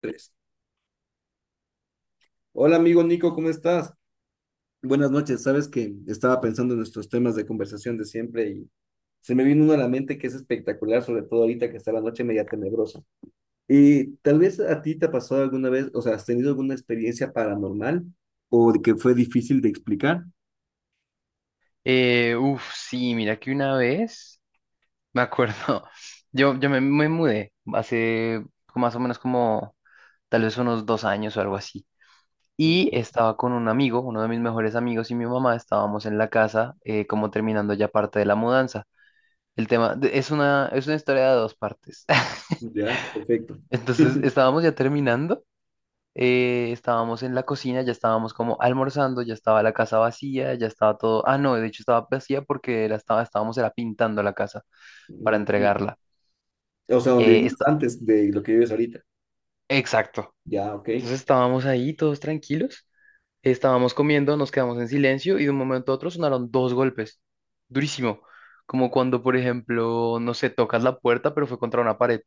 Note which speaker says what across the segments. Speaker 1: Tres. Hola amigo Nico, ¿cómo estás? Buenas noches. Sabes que estaba pensando en nuestros temas de conversación de siempre y se me vino uno a la mente que es espectacular, sobre todo ahorita que está la noche media tenebrosa. Y tal vez a ti te ha pasado alguna vez, o sea, ¿has tenido alguna experiencia paranormal o de que fue difícil de explicar?
Speaker 2: Sí, mira que una vez, me acuerdo, me mudé hace más o menos como tal vez unos dos años o algo así.
Speaker 1: Mm.
Speaker 2: Y estaba con un amigo, uno de mis mejores amigos y mi mamá, estábamos en la casa como terminando ya parte de la mudanza. Es es una historia de dos partes.
Speaker 1: Ya, perfecto.
Speaker 2: Entonces estábamos ya terminando, estábamos en la cocina, ya estábamos como almorzando, ya estaba la casa vacía, ya estaba todo, ah no, de hecho estaba vacía porque estábamos era pintando la casa para
Speaker 1: Mm.
Speaker 2: entregarla.
Speaker 1: O sea, ¿donde
Speaker 2: Eh,
Speaker 1: vivías
Speaker 2: esta-
Speaker 1: antes de lo que vives ahorita?
Speaker 2: exacto.
Speaker 1: Ya, ok.
Speaker 2: Entonces estábamos ahí todos tranquilos, estábamos comiendo, nos quedamos en silencio y de un momento a otro sonaron dos golpes. Durísimo. Como cuando, por ejemplo, no sé, tocas la puerta, pero fue contra una pared.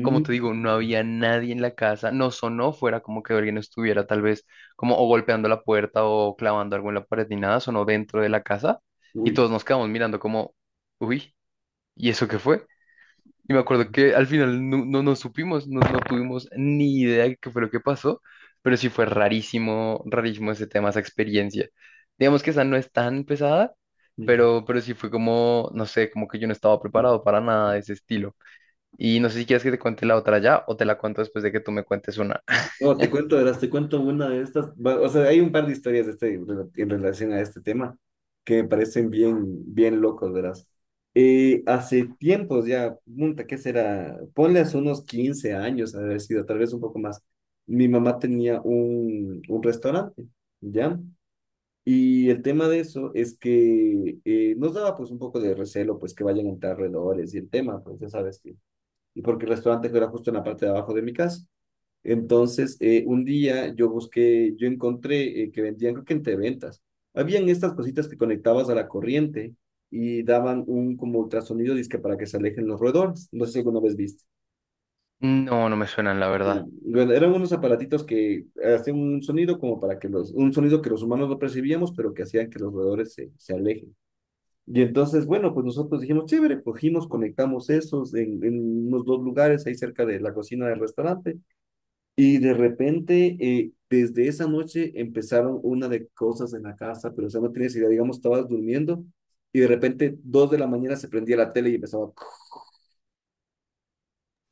Speaker 2: Como te digo, no había nadie en la casa, no sonó fuera como que alguien estuviera tal vez como o golpeando la puerta o clavando algo en la pared ni nada, sonó dentro de la casa y
Speaker 1: Uy.
Speaker 2: todos nos quedamos mirando como, uy, ¿y eso qué fue? Y me acuerdo que al final no supimos, no tuvimos ni idea de qué fue lo que pasó, pero sí fue rarísimo, rarísimo ese tema, esa experiencia. Digamos que esa no es tan pesada,
Speaker 1: Mm.
Speaker 2: pero sí fue como, no sé, como que yo no estaba preparado para nada de ese estilo. Y no sé si quieres que te cuente la otra ya o te la cuento después de que tú me cuentes una.
Speaker 1: No, te cuento, verás, te cuento una de estas. O sea, hay un par de historias de este, en relación a este tema que me parecen bien, bien locos, verás. Hace tiempos ya, punta, ¿qué será? Ponle hace unos 15 años, ha de haber sido, tal vez un poco más. Mi mamá tenía un restaurante, ¿ya? Y el tema de eso es que nos daba pues un poco de recelo, pues que vayan a entrar alrededores y el tema, pues ya sabes que, y porque el restaurante era justo en la parte de abajo de mi casa. Entonces, un día yo busqué, yo encontré que vendían, creo que entre ventas, habían estas cositas que conectabas a la corriente y daban un como ultrasonido, dizque para que se alejen los roedores. No sé si alguna vez viste.
Speaker 2: No, no me suenan, la
Speaker 1: Ya.
Speaker 2: verdad.
Speaker 1: Bueno, eran unos aparatitos que hacían un sonido como para que los, un sonido que los humanos no percibíamos, pero que hacían que los roedores se, se alejen. Y entonces, bueno, pues nosotros dijimos, chévere, cogimos, conectamos esos en unos dos lugares ahí cerca de la cocina del restaurante. Y de repente, desde esa noche empezaron una de cosas en la casa, pero o sea, no tienes idea, digamos, estabas durmiendo y de repente, dos de la mañana se prendía la tele y empezaba,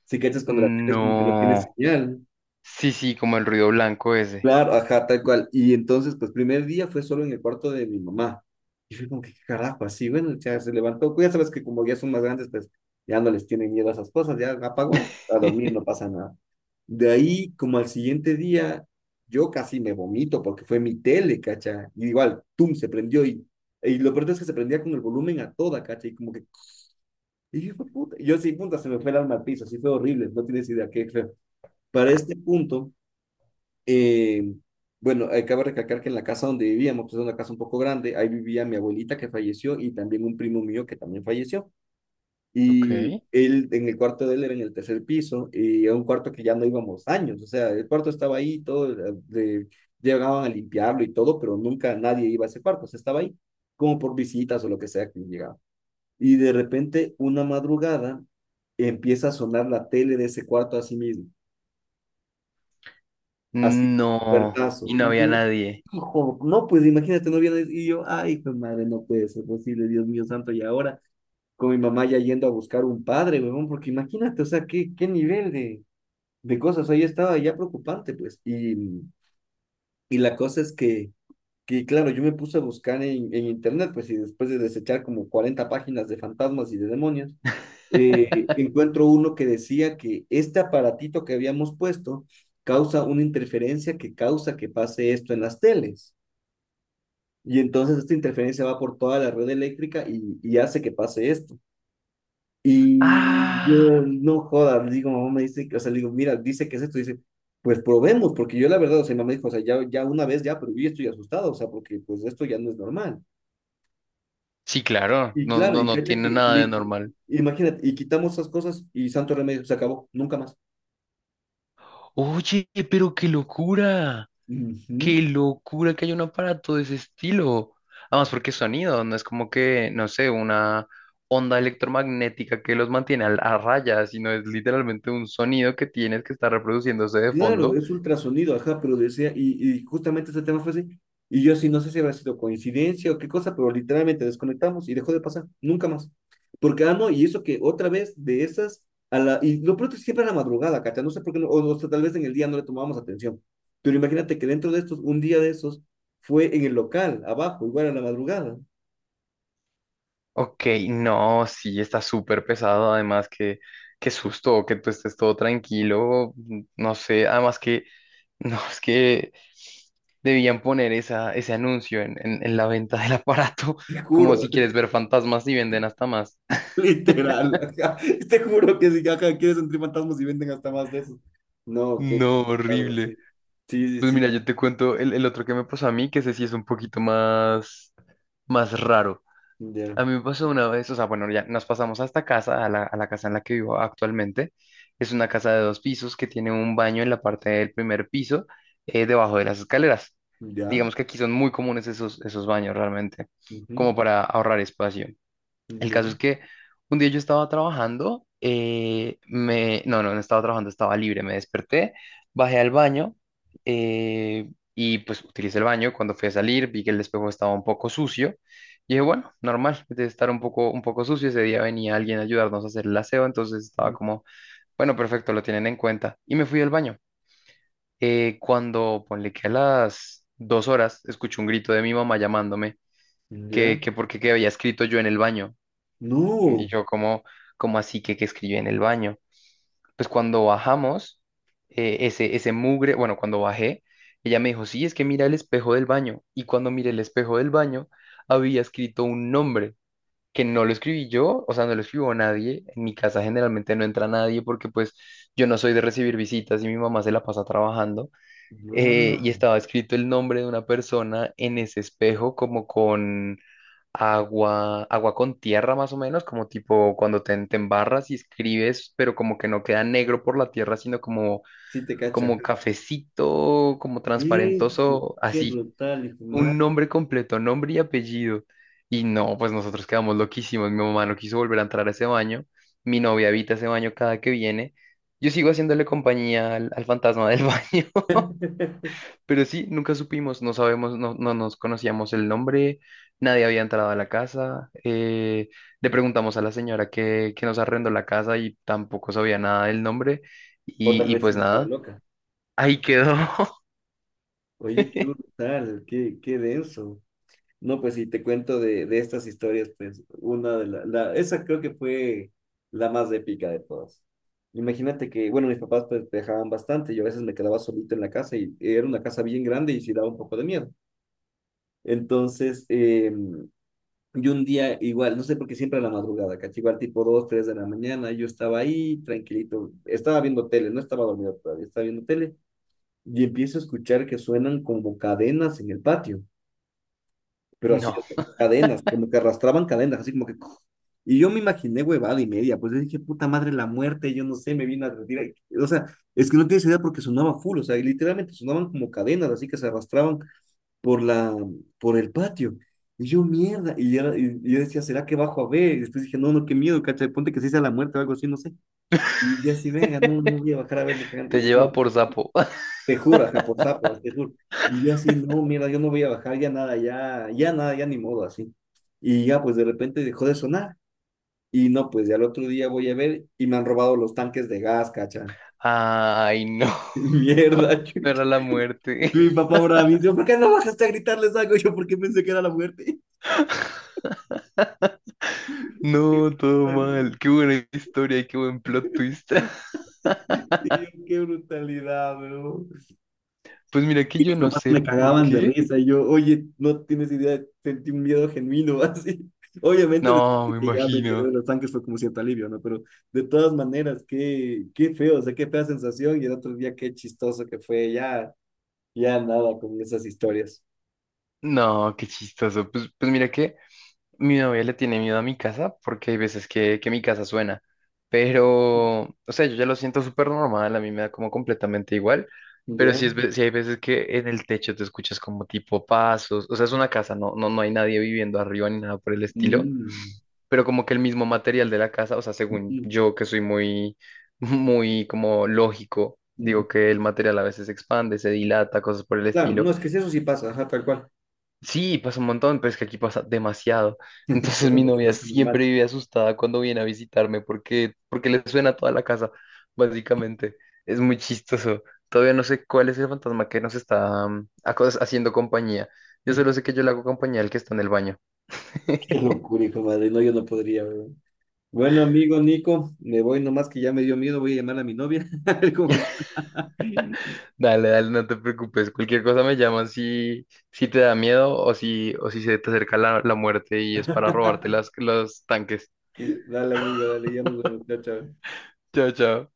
Speaker 1: si cachas cuando la tele es como que no tiene
Speaker 2: No.
Speaker 1: señal.
Speaker 2: Sí, sí, como el ruido blanco ese.
Speaker 1: Claro, ajá, tal cual. Y entonces, pues, primer día fue solo en el cuarto de mi mamá. Y fue como que, ¿qué carajo?, así, bueno, ya se levantó. Pues, ya sabes que como ya son más grandes, pues, ya no les tienen miedo a esas cosas, ya apagó, a dormir, no pasa nada. De ahí, como al siguiente día, yo casi me vomito porque fue mi tele, cacha. Y igual, tum, se prendió y lo peor es que se prendía con el volumen a toda, cacha. Y como que, y yo, puta, y yo sí, puta, se me fue el alma al piso, así fue horrible, no tienes idea qué feo. Para este punto, eh, bueno, cabe recalcar que en la casa donde vivíamos, pues es una casa un poco grande, ahí vivía mi abuelita que falleció y también un primo mío que también falleció. Y
Speaker 2: Ok.
Speaker 1: él, en el cuarto de él era en el tercer piso y era un cuarto que ya no íbamos años, o sea, el cuarto estaba ahí, todo, llegaban a limpiarlo y todo, pero nunca nadie iba a ese cuarto, o sea, estaba ahí como por visitas o lo que sea que llegaba. Y de repente, una madrugada, empieza a sonar la tele de ese cuarto a sí mismo, así,
Speaker 2: No,
Speaker 1: puertazo.
Speaker 2: y no
Speaker 1: Y
Speaker 2: había
Speaker 1: yo,
Speaker 2: nadie.
Speaker 1: ojo, no, pues imagínate, no viene y yo, ay, hijo de madre, no puede ser posible, Dios mío santo, y ahora con mi mamá ya yendo a buscar un padre, huevón, porque imagínate, o sea, qué, qué nivel de cosas, ahí estaba ya preocupante, pues, y la cosa es que, claro, yo me puse a buscar en internet, pues, y después de desechar como 40 páginas de fantasmas y de demonios, encuentro uno que decía que este aparatito que habíamos puesto causa una interferencia que causa que pase esto en las teles. Y entonces esta interferencia va por toda la red eléctrica y hace que pase esto. Y
Speaker 2: Ah,
Speaker 1: yo, no jodas, digo, mamá me dice, o sea, le digo, mira, dice que es esto, dice, pues probemos, porque yo la verdad, o sea, mi mamá dijo, o sea, ya, ya una vez ya, pero yo ya estoy asustado, o sea, porque pues esto ya no es normal.
Speaker 2: sí, claro,
Speaker 1: Y claro, y
Speaker 2: no
Speaker 1: cacha
Speaker 2: tiene
Speaker 1: que,
Speaker 2: nada de normal.
Speaker 1: imagínate, y quitamos esas cosas y santo remedio, se acabó, nunca más.
Speaker 2: Oye, pero
Speaker 1: Ujú.
Speaker 2: qué locura que haya un aparato de ese estilo. Además, porque es sonido, no es como que, no sé, una onda electromagnética que los mantiene a raya, sino es literalmente un sonido que tienes que estar reproduciéndose de
Speaker 1: Claro,
Speaker 2: fondo.
Speaker 1: es ultrasonido, ajá, pero decía, y justamente ese tema fue así. Y yo sí, no sé si habrá sido coincidencia o qué cosa, pero literalmente desconectamos y dejó de pasar, nunca más. Porque, ah, no, y eso que otra vez de esas, a la, y lo pronto es siempre a la madrugada, cacha, no sé por qué, o sea, tal vez en el día no le tomábamos atención. Pero imagínate que dentro de estos, un día de esos, fue en el local, abajo, igual a la madrugada.
Speaker 2: Ok, no, sí, está súper pesado, además que qué susto que tú estés todo tranquilo, no sé, además que, no, es que debían poner esa, ese anuncio en la venta del aparato,
Speaker 1: te
Speaker 2: como
Speaker 1: juro,
Speaker 2: si quieres ver fantasmas y venden hasta más.
Speaker 1: literal, ajá. Te juro que si, ajá, quieres entre fantasmas y venden hasta más de esos. No, qué,
Speaker 2: No,
Speaker 1: claro,
Speaker 2: horrible.
Speaker 1: sí. Sí, sí,
Speaker 2: Pues
Speaker 1: sí.
Speaker 2: mira, yo te cuento el otro que me pasó a mí, que ese sí es un poquito más, más raro.
Speaker 1: Ya,
Speaker 2: A mí me pasó una vez, o sea, bueno, ya nos pasamos a esta casa, a la casa en la que vivo actualmente. Es una casa de dos pisos que tiene un baño en la parte del primer piso, debajo de las escaleras.
Speaker 1: ya,
Speaker 2: Digamos que aquí son muy comunes esos, esos baños realmente,
Speaker 1: ujú,
Speaker 2: como para ahorrar espacio. El caso es
Speaker 1: ya,
Speaker 2: que un día yo estaba trabajando, me, no, no, no estaba trabajando, estaba libre, me desperté, bajé al baño y pues utilicé el baño. Cuando fui a salir vi que el espejo estaba un poco sucio y dije, bueno, normal, debe estar un poco sucio. Ese día venía alguien a ayudarnos a hacer el aseo, entonces estaba como, bueno, perfecto, lo tienen en cuenta. Y me fui al baño. Cuando, ponle que a las dos horas, escuché un grito de mi mamá llamándome
Speaker 1: ya.
Speaker 2: que porque qué había escrito yo en el baño.
Speaker 1: No,
Speaker 2: Y yo como, como así que escribí en el baño. Pues cuando bajamos, bueno, cuando bajé, ella me dijo, sí, es que mira el espejo del baño. Y cuando miré el espejo del baño, había escrito un nombre que no lo escribí yo, o sea, no lo escribió nadie. En mi casa generalmente no entra nadie porque pues yo no soy de recibir visitas y mi mamá se la pasa trabajando. Y
Speaker 1: wow.
Speaker 2: estaba escrito el nombre de una persona en ese espejo como con agua, agua con tierra más o menos, como tipo cuando te embarras y escribes, pero como que no queda negro por la tierra, sino como,
Speaker 1: Sí te cacha.
Speaker 2: como cafecito, como
Speaker 1: Qué,
Speaker 2: transparentoso,
Speaker 1: qué
Speaker 2: así,
Speaker 1: brutal, hijo de
Speaker 2: un
Speaker 1: madre.
Speaker 2: nombre completo, nombre y apellido. Y no, pues nosotros quedamos loquísimos, mi mamá no quiso volver a entrar a ese baño, mi novia habita ese baño cada que viene, yo sigo haciéndole compañía al fantasma del baño. Pero sí, nunca supimos, no sabemos, no nos conocíamos el nombre, nadie había entrado a la casa. Le preguntamos a la señora que nos arrendó la casa y tampoco sabía nada del nombre.
Speaker 1: O tal
Speaker 2: Y
Speaker 1: vez sí
Speaker 2: pues
Speaker 1: estaba
Speaker 2: nada,
Speaker 1: loca.
Speaker 2: ahí quedó.
Speaker 1: Oye, qué brutal, qué, qué denso. No, pues si te cuento de estas historias, pues una de las, esa creo que fue la más épica de todas. Imagínate que, bueno, mis papás pues viajaban bastante, yo a veces me quedaba solito en la casa y era una casa bien grande y sí daba un poco de miedo. Entonces, y un día igual, no sé por qué siempre a la madrugada, caché, igual tipo 2 3 de la mañana, yo estaba ahí tranquilito, estaba viendo tele, no estaba dormido todavía, estaba viendo tele y empiezo a escuchar que suenan como cadenas en el patio, pero así, o
Speaker 2: No,
Speaker 1: sea, cadenas, como que arrastraban cadenas, así como que... Y yo me imaginé huevada y media, pues yo dije, puta madre, la muerte, yo no sé, me vino a retirar. O sea, es que no tienes idea porque sonaba full, o sea, y literalmente sonaban como cadenas, así que se arrastraban por la, por el patio. Y yo, mierda, y yo decía, ¿será que bajo a ver? Y después dije, no, no, qué miedo, cacha ponte que se hizo la muerte o algo así, no sé. Y yo así, venga, no, no voy a bajar a ver ni cagando.
Speaker 2: te
Speaker 1: Y yo no,
Speaker 2: lleva por sapo.
Speaker 1: te juro, ajá, por zapas, te juro. Y yo así, no, mierda, yo no voy a bajar, ya nada, ya ni modo, así. Y ya, pues de repente dejó de sonar. Y no, pues ya al otro día voy a ver y me han robado los tanques de gas, cacha.
Speaker 2: Ay, no,
Speaker 1: Mierda,
Speaker 2: no
Speaker 1: chuta.
Speaker 2: era la muerte.
Speaker 1: Mi papá ahora me dice, ¿por qué no bajaste a gritarles algo? Yo porque pensé que era la muerte. Qué
Speaker 2: No, todo
Speaker 1: brutalidad,
Speaker 2: mal. Qué buena historia y qué buen plot twist.
Speaker 1: tío, qué brutalidad, weón.
Speaker 2: Pues mira que
Speaker 1: Mis
Speaker 2: yo no
Speaker 1: papás
Speaker 2: sé
Speaker 1: me
Speaker 2: por
Speaker 1: cagaban de
Speaker 2: qué.
Speaker 1: risa. Y yo, oye, no tienes idea, sentí un miedo genuino, así. Obviamente, después
Speaker 2: No,
Speaker 1: de
Speaker 2: me
Speaker 1: que ya me enteré de
Speaker 2: imagino.
Speaker 1: los tanques fue como cierto alivio, ¿no? Pero de todas maneras, qué, qué feo, o sea, qué fea sensación. Y el otro día, qué chistoso que fue. Ya, ya nada con esas historias.
Speaker 2: No, qué chistoso. Pues, pues mira que mi novia le tiene miedo a mi casa porque hay veces que mi casa suena. Pero, o sea, yo ya lo siento súper normal, a mí me da como completamente igual. Pero
Speaker 1: ¿Ya?
Speaker 2: sí, sí hay veces que en el techo te escuchas como tipo pasos. O sea, es una casa, no hay nadie viviendo arriba ni nada por el estilo.
Speaker 1: Mm,
Speaker 2: Pero como que el mismo material de la casa, o sea, según
Speaker 1: ujú,
Speaker 2: yo que soy muy, muy como lógico,
Speaker 1: ujú.
Speaker 2: digo que el material a veces se expande, se dilata, cosas por el
Speaker 1: Claro, no,
Speaker 2: estilo.
Speaker 1: es que si eso sí pasa, ajá, tal cual.
Speaker 2: Sí, pasa un montón, pero es que aquí pasa demasiado.
Speaker 1: Que
Speaker 2: Entonces
Speaker 1: pasa
Speaker 2: mi
Speaker 1: mucho
Speaker 2: novia
Speaker 1: más que normal.
Speaker 2: siempre vive asustada cuando viene a visitarme porque, porque le suena toda la casa, básicamente. Es muy chistoso. Todavía no sé cuál es el fantasma que nos está haciendo compañía. Yo solo sé que yo le hago compañía al que está en el baño.
Speaker 1: Qué locura, hijo de madre. No, yo no podría. Bueno, amigo Nico, me voy nomás que ya me dio miedo, voy a llamar a mi novia, a ver cómo está.
Speaker 2: Dale, dale, no te preocupes. Cualquier cosa me llamas si, si te da miedo o si se te acerca la, la muerte y es para robarte las, los tanques.
Speaker 1: Dale, amigo, dale, ya nos vemos. Chao, chao.
Speaker 2: Chao, chao.